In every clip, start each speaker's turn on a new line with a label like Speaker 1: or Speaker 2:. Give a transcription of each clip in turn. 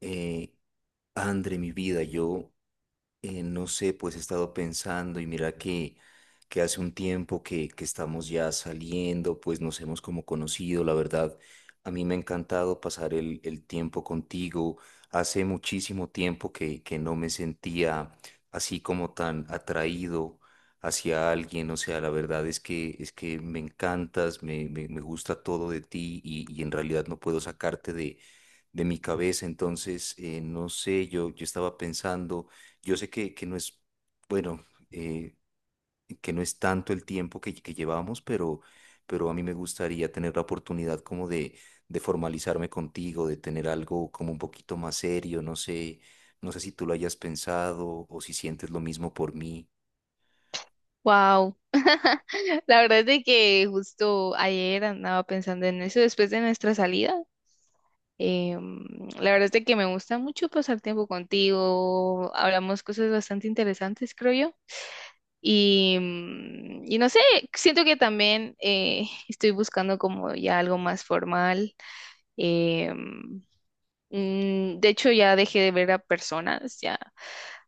Speaker 1: Eh, André, mi vida, yo, no sé, pues he estado pensando y mira que hace un tiempo que estamos ya saliendo, pues nos hemos como conocido, la verdad, a mí me ha encantado pasar el tiempo contigo. Hace muchísimo tiempo que no me sentía así como tan atraído hacia alguien. O sea, la verdad es que me encantas, me gusta todo de ti, y en realidad no puedo sacarte de mi cabeza. Entonces, no sé, yo estaba pensando. Yo sé que no es, bueno, eh, que no es tanto el tiempo que llevamos, pero a mí me gustaría tener la oportunidad como de formalizarme contigo, de tener algo como un poquito más serio. No sé, no sé si tú lo hayas pensado o si sientes lo mismo por mí.
Speaker 2: Wow. La verdad es de que justo ayer andaba pensando en eso después de nuestra salida. Em, la verdad es de que me gusta mucho pasar tiempo contigo. Hablamos cosas bastante interesantes, creo yo. Y, y no sé, siento que también estoy buscando como ya algo más formal. Em, de hecho, ya dejé de ver a personas ya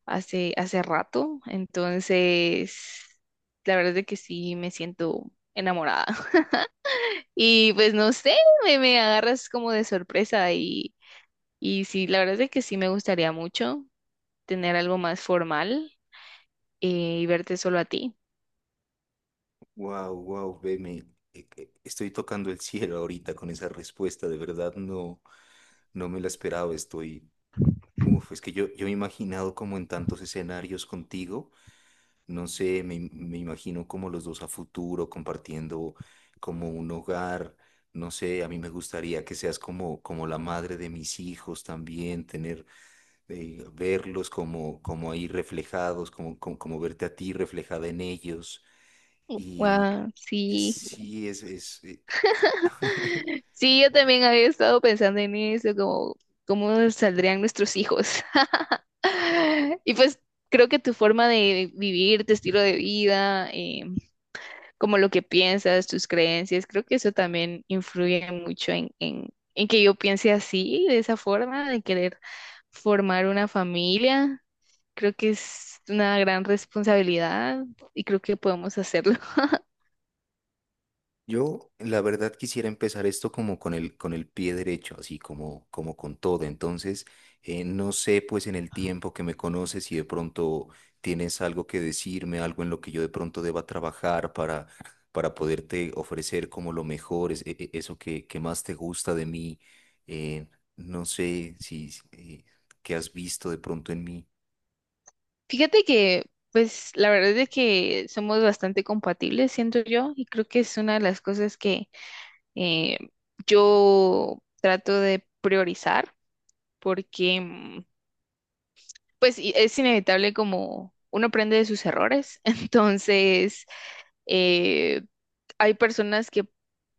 Speaker 2: hace rato, entonces la verdad es que sí me siento enamorada. Y pues no sé, me agarras como de sorpresa y sí, la verdad es que sí me gustaría mucho tener algo más formal eh, y verte solo a ti.
Speaker 1: Wow, wow, ve, estoy tocando el cielo ahorita con esa respuesta. De verdad, no, no me la esperaba. Estoy, uf, es que yo me he imaginado como en tantos escenarios contigo. No sé, me imagino como los dos a futuro compartiendo como un hogar. No sé, a mí me gustaría que seas como, como la madre de mis hijos también. Tener, verlos como, como ahí reflejados, como, como, como verte a ti reflejada en ellos. Y
Speaker 2: Wow, sí.
Speaker 1: sí, es,
Speaker 2: Sí, yo también había estado pensando en eso, como cómo saldrían nuestros hijos. Y pues creo que tu forma de vivir, tu estilo de vida, como lo que piensas, tus creencias, creo que eso también influye mucho en que yo piense así, de esa forma, de querer formar una familia. Creo que es una gran responsabilidad y creo que podemos hacerlo.
Speaker 1: yo, la verdad, quisiera empezar esto como con el pie derecho, así como, como con todo. Entonces, no sé, pues en el tiempo que me conoces, si de pronto tienes algo que decirme, algo en lo que yo de pronto deba trabajar para poderte ofrecer como lo mejor, eso que más te gusta de mí. eh, no sé si, qué has visto de pronto en mí.
Speaker 2: Fíjate que, pues, la verdad es de que somos bastante compatibles, siento yo, y creo que es una de las cosas que eh, yo trato de priorizar porque pues es inevitable como uno aprende de sus errores, entonces eh, hay personas que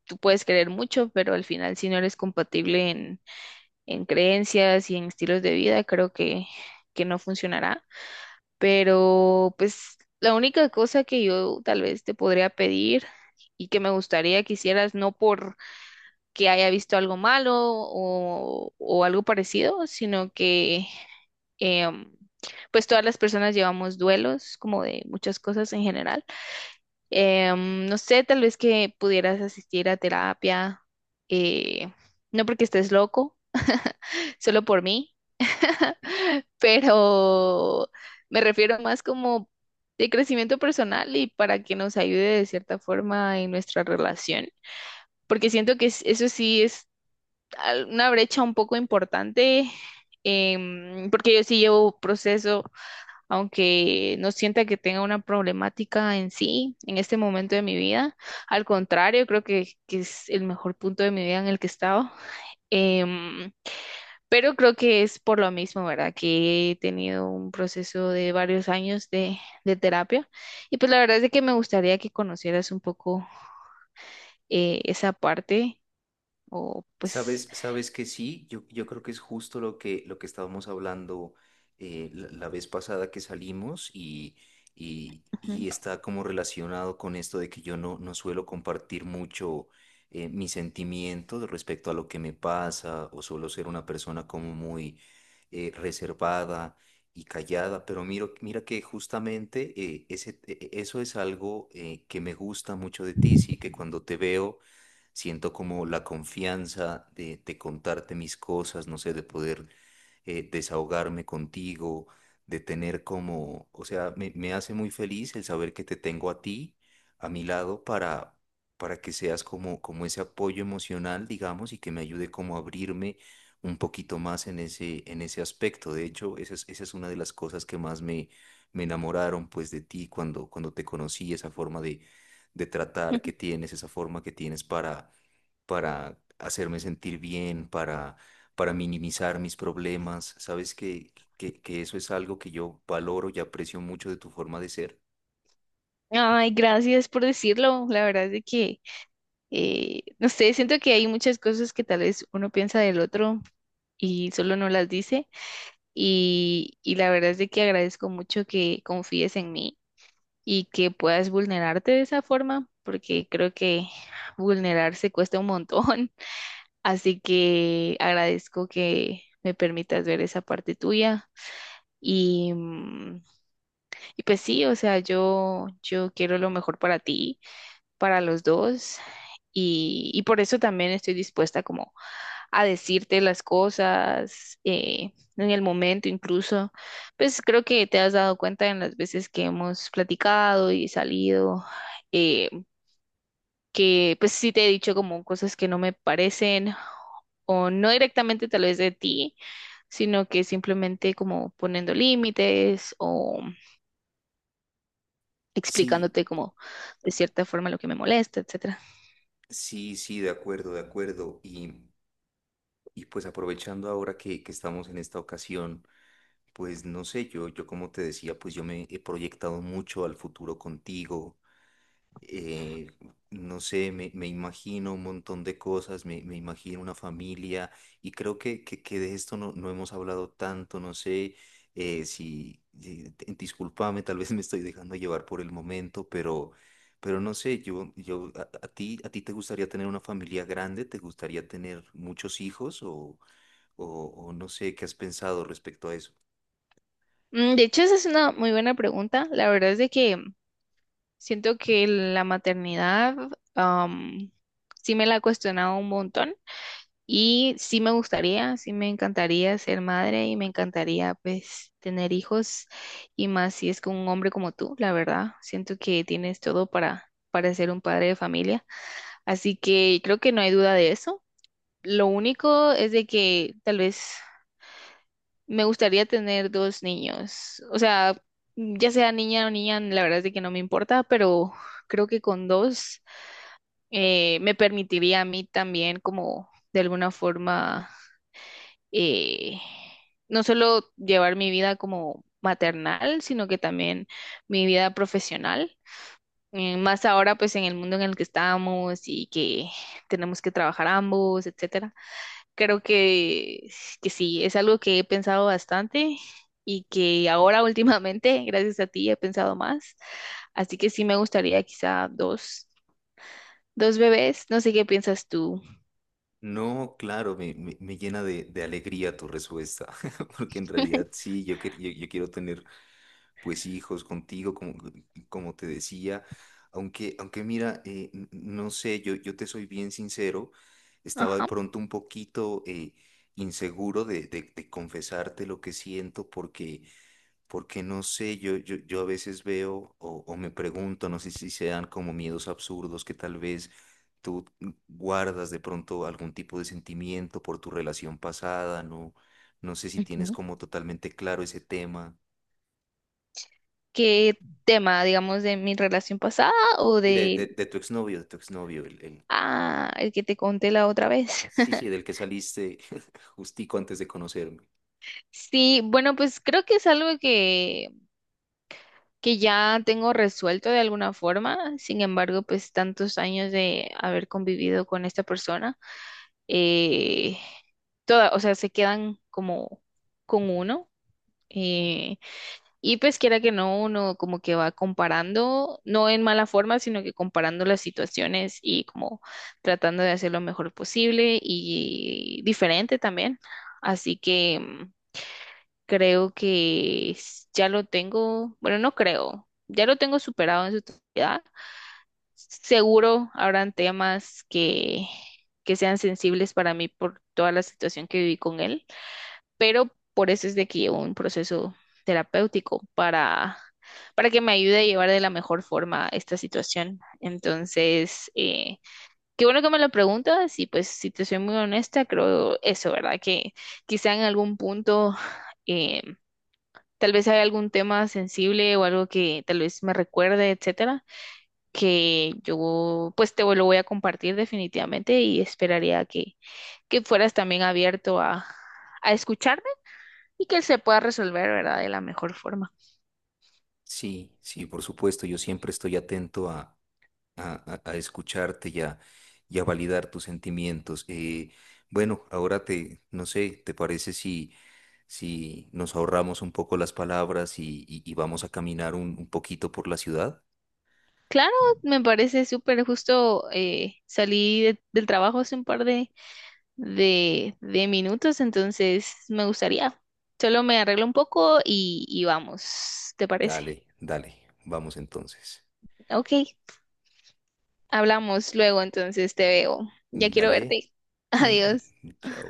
Speaker 2: tú puedes querer mucho, pero al final si no eres compatible en creencias y en estilos de vida, creo que no funcionará, pero pues la única cosa que yo tal vez te podría pedir y que me gustaría que hicieras, no por que haya visto algo malo o algo parecido, sino que Em, pues todas las personas llevamos duelos, como de muchas cosas en general. No sé, tal vez que pudieras asistir a terapia, eh, no porque estés loco, solo por mí, pero me refiero más como de crecimiento personal y para que nos ayude de cierta forma en nuestra relación, porque siento que eso sí es una brecha un poco importante, porque yo sí llevo proceso aunque no sienta que tenga una problemática en sí en este momento de mi vida. Al contrario, creo que es el mejor punto de mi vida en el que he estado. Em, pero creo que es por lo mismo, ¿verdad? Que he tenido un proceso de varios años de terapia. Y pues la verdad es de que me gustaría que conocieras un poco esa parte. O pues,
Speaker 1: Sabes, sabes que sí, yo creo que es justo lo que estábamos hablando la, la vez pasada que salimos,
Speaker 2: ujú.
Speaker 1: y está como relacionado con esto de que yo no, no suelo compartir mucho mis sentimientos respecto a lo que me pasa, o suelo ser una persona como muy reservada y callada. Pero mira que justamente eso es algo que me gusta mucho de ti, sí, que cuando te veo siento como la confianza de contarte mis cosas. No sé, de poder desahogarme contigo, de tener como, o sea, me hace muy feliz el saber que te tengo a ti, a mi lado, para que seas como, como ese apoyo emocional, digamos, y que me ayude como a abrirme un poquito más en ese aspecto. De hecho, esa es una de las cosas que más me enamoraron pues de ti cuando, cuando te conocí, esa forma de tratar que tienes, esa forma que tienes para hacerme sentir bien, para minimizar mis problemas. Sabes que eso es algo que yo valoro y aprecio mucho de tu forma de ser.
Speaker 2: Ay, gracias por decirlo. La verdad es de que no sé, siento que hay muchas cosas que tal vez uno piensa del otro y solo no las dice. Y la verdad es de que agradezco mucho que confíes en mí y que puedas vulnerarte de esa forma, porque creo que vulnerarse cuesta un montón. Así que agradezco que me permitas ver esa parte tuya. Y, y pues sí, o sea, yo quiero lo mejor para ti para los dos y por eso también estoy dispuesta como a decirte las cosas en el momento incluso. Pues creo que te has dado cuenta en las veces que hemos platicado y salido, eh, que pues sí te he dicho como cosas que no me parecen o no directamente tal vez de ti, sino que simplemente como poniendo límites o
Speaker 1: Sí,
Speaker 2: explicándote como de cierta forma lo que me molesta, etcétera.
Speaker 1: sí, sí, de acuerdo, de acuerdo. Y pues aprovechando ahora que estamos en esta ocasión, pues no sé, yo como te decía, pues yo me he proyectado mucho al futuro contigo. eh, no sé, me imagino un montón de cosas, me imagino una familia, y creo que de esto no, no hemos hablado tanto. No sé discúlpame, tal vez me estoy dejando llevar por el momento, pero no sé, yo, a ti te gustaría tener una familia grande, te gustaría tener muchos hijos, o, o no sé, ¿qué has pensado respecto a eso?
Speaker 2: De hecho, esa es una muy buena pregunta. La verdad es de que siento que la maternidad am, sí me la he cuestionado un montón y sí me gustaría, sí me encantaría ser madre y me encantaría pues tener hijos y más si es con un hombre como tú, la verdad. Siento que tienes todo para ser un padre de familia. Así que creo que no hay duda de eso. Lo único es de que tal vez me gustaría tener dos niños. O sea, ya sea niña o niña, la verdad es de que no me importa, pero creo que con dos me permitiría a mí también como de alguna forma eh, no solo llevar mi vida como maternal, sino que también mi vida profesional. Más ahora pues en el mundo en el que estamos y que tenemos que trabajar ambos, etcétera. Creo que sí, es algo que he pensado bastante y que ahora últimamente, gracias a ti, he pensado más. Así que sí me gustaría quizá dos, dos bebés. No sé qué piensas tú.
Speaker 1: No, claro, me llena de alegría tu respuesta, porque en realidad sí, yo, yo, yo quiero tener pues hijos contigo, como, como te decía. Aunque, aunque mira, no sé, yo te soy bien sincero, estaba de
Speaker 2: Ajá.
Speaker 1: pronto un poquito inseguro de confesarte lo que siento, porque porque no sé, yo a veces veo, o me pregunto, no sé si sean como miedos absurdos que tal vez tú guardas de pronto algún tipo de sentimiento por tu relación pasada. No, no sé si tienes
Speaker 2: Ujú.
Speaker 1: como totalmente claro ese tema.
Speaker 2: ¿Qué tema, digamos, de mi relación pasada o
Speaker 1: Y de, de,
Speaker 2: de,
Speaker 1: de tu exnovio, de tu exnovio,
Speaker 2: ah, el que te conté la otra vez?
Speaker 1: sí, sí, del que saliste justico antes de conocerme.
Speaker 2: Sí, bueno, pues creo que es algo que ya tengo resuelto de alguna forma. Sin embargo, pues tantos años de haber convivido con esta persona, eh, toda, o sea, se quedan como con uno. eh, y pues quiera que no, uno como que va comparando, no en mala forma, sino que comparando las situaciones y como tratando de hacer lo mejor posible y diferente también. Así que... creo que ya lo tengo, bueno, no creo, ya lo tengo superado en su totalidad. Seguro habrán temas que sean sensibles para mí por toda la situación que viví con él, pero por eso es de que llevo un proceso terapéutico para que me ayude a llevar de la mejor forma esta situación. Entonces, qué bueno que me lo preguntas y pues si te soy muy honesta, creo eso, ¿verdad? Que quizá en algún punto... eh, tal vez hay algún tema sensible o algo que tal vez me recuerde, etcétera, que yo pues te lo voy a compartir definitivamente y esperaría que fueras también abierto a escucharme y que se pueda resolver, ¿verdad? De la mejor forma.
Speaker 1: Sí, sí, por supuesto, yo siempre estoy atento a, a escucharte y a validar tus sentimientos. Bueno, ahora te, no sé, ¿te parece si, si nos ahorramos un poco las palabras y y vamos a caminar un poquito por la ciudad?
Speaker 2: Claro, me parece súper justo. Salí del trabajo hace un par de minutos, entonces me gustaría. Solo me arreglo un poco y vamos, ¿te parece?
Speaker 1: Dale, dale, vamos entonces.
Speaker 2: Ok, hablamos luego, entonces te veo. Ya quiero
Speaker 1: Dale.
Speaker 2: verte. Adiós.
Speaker 1: Mm, chao.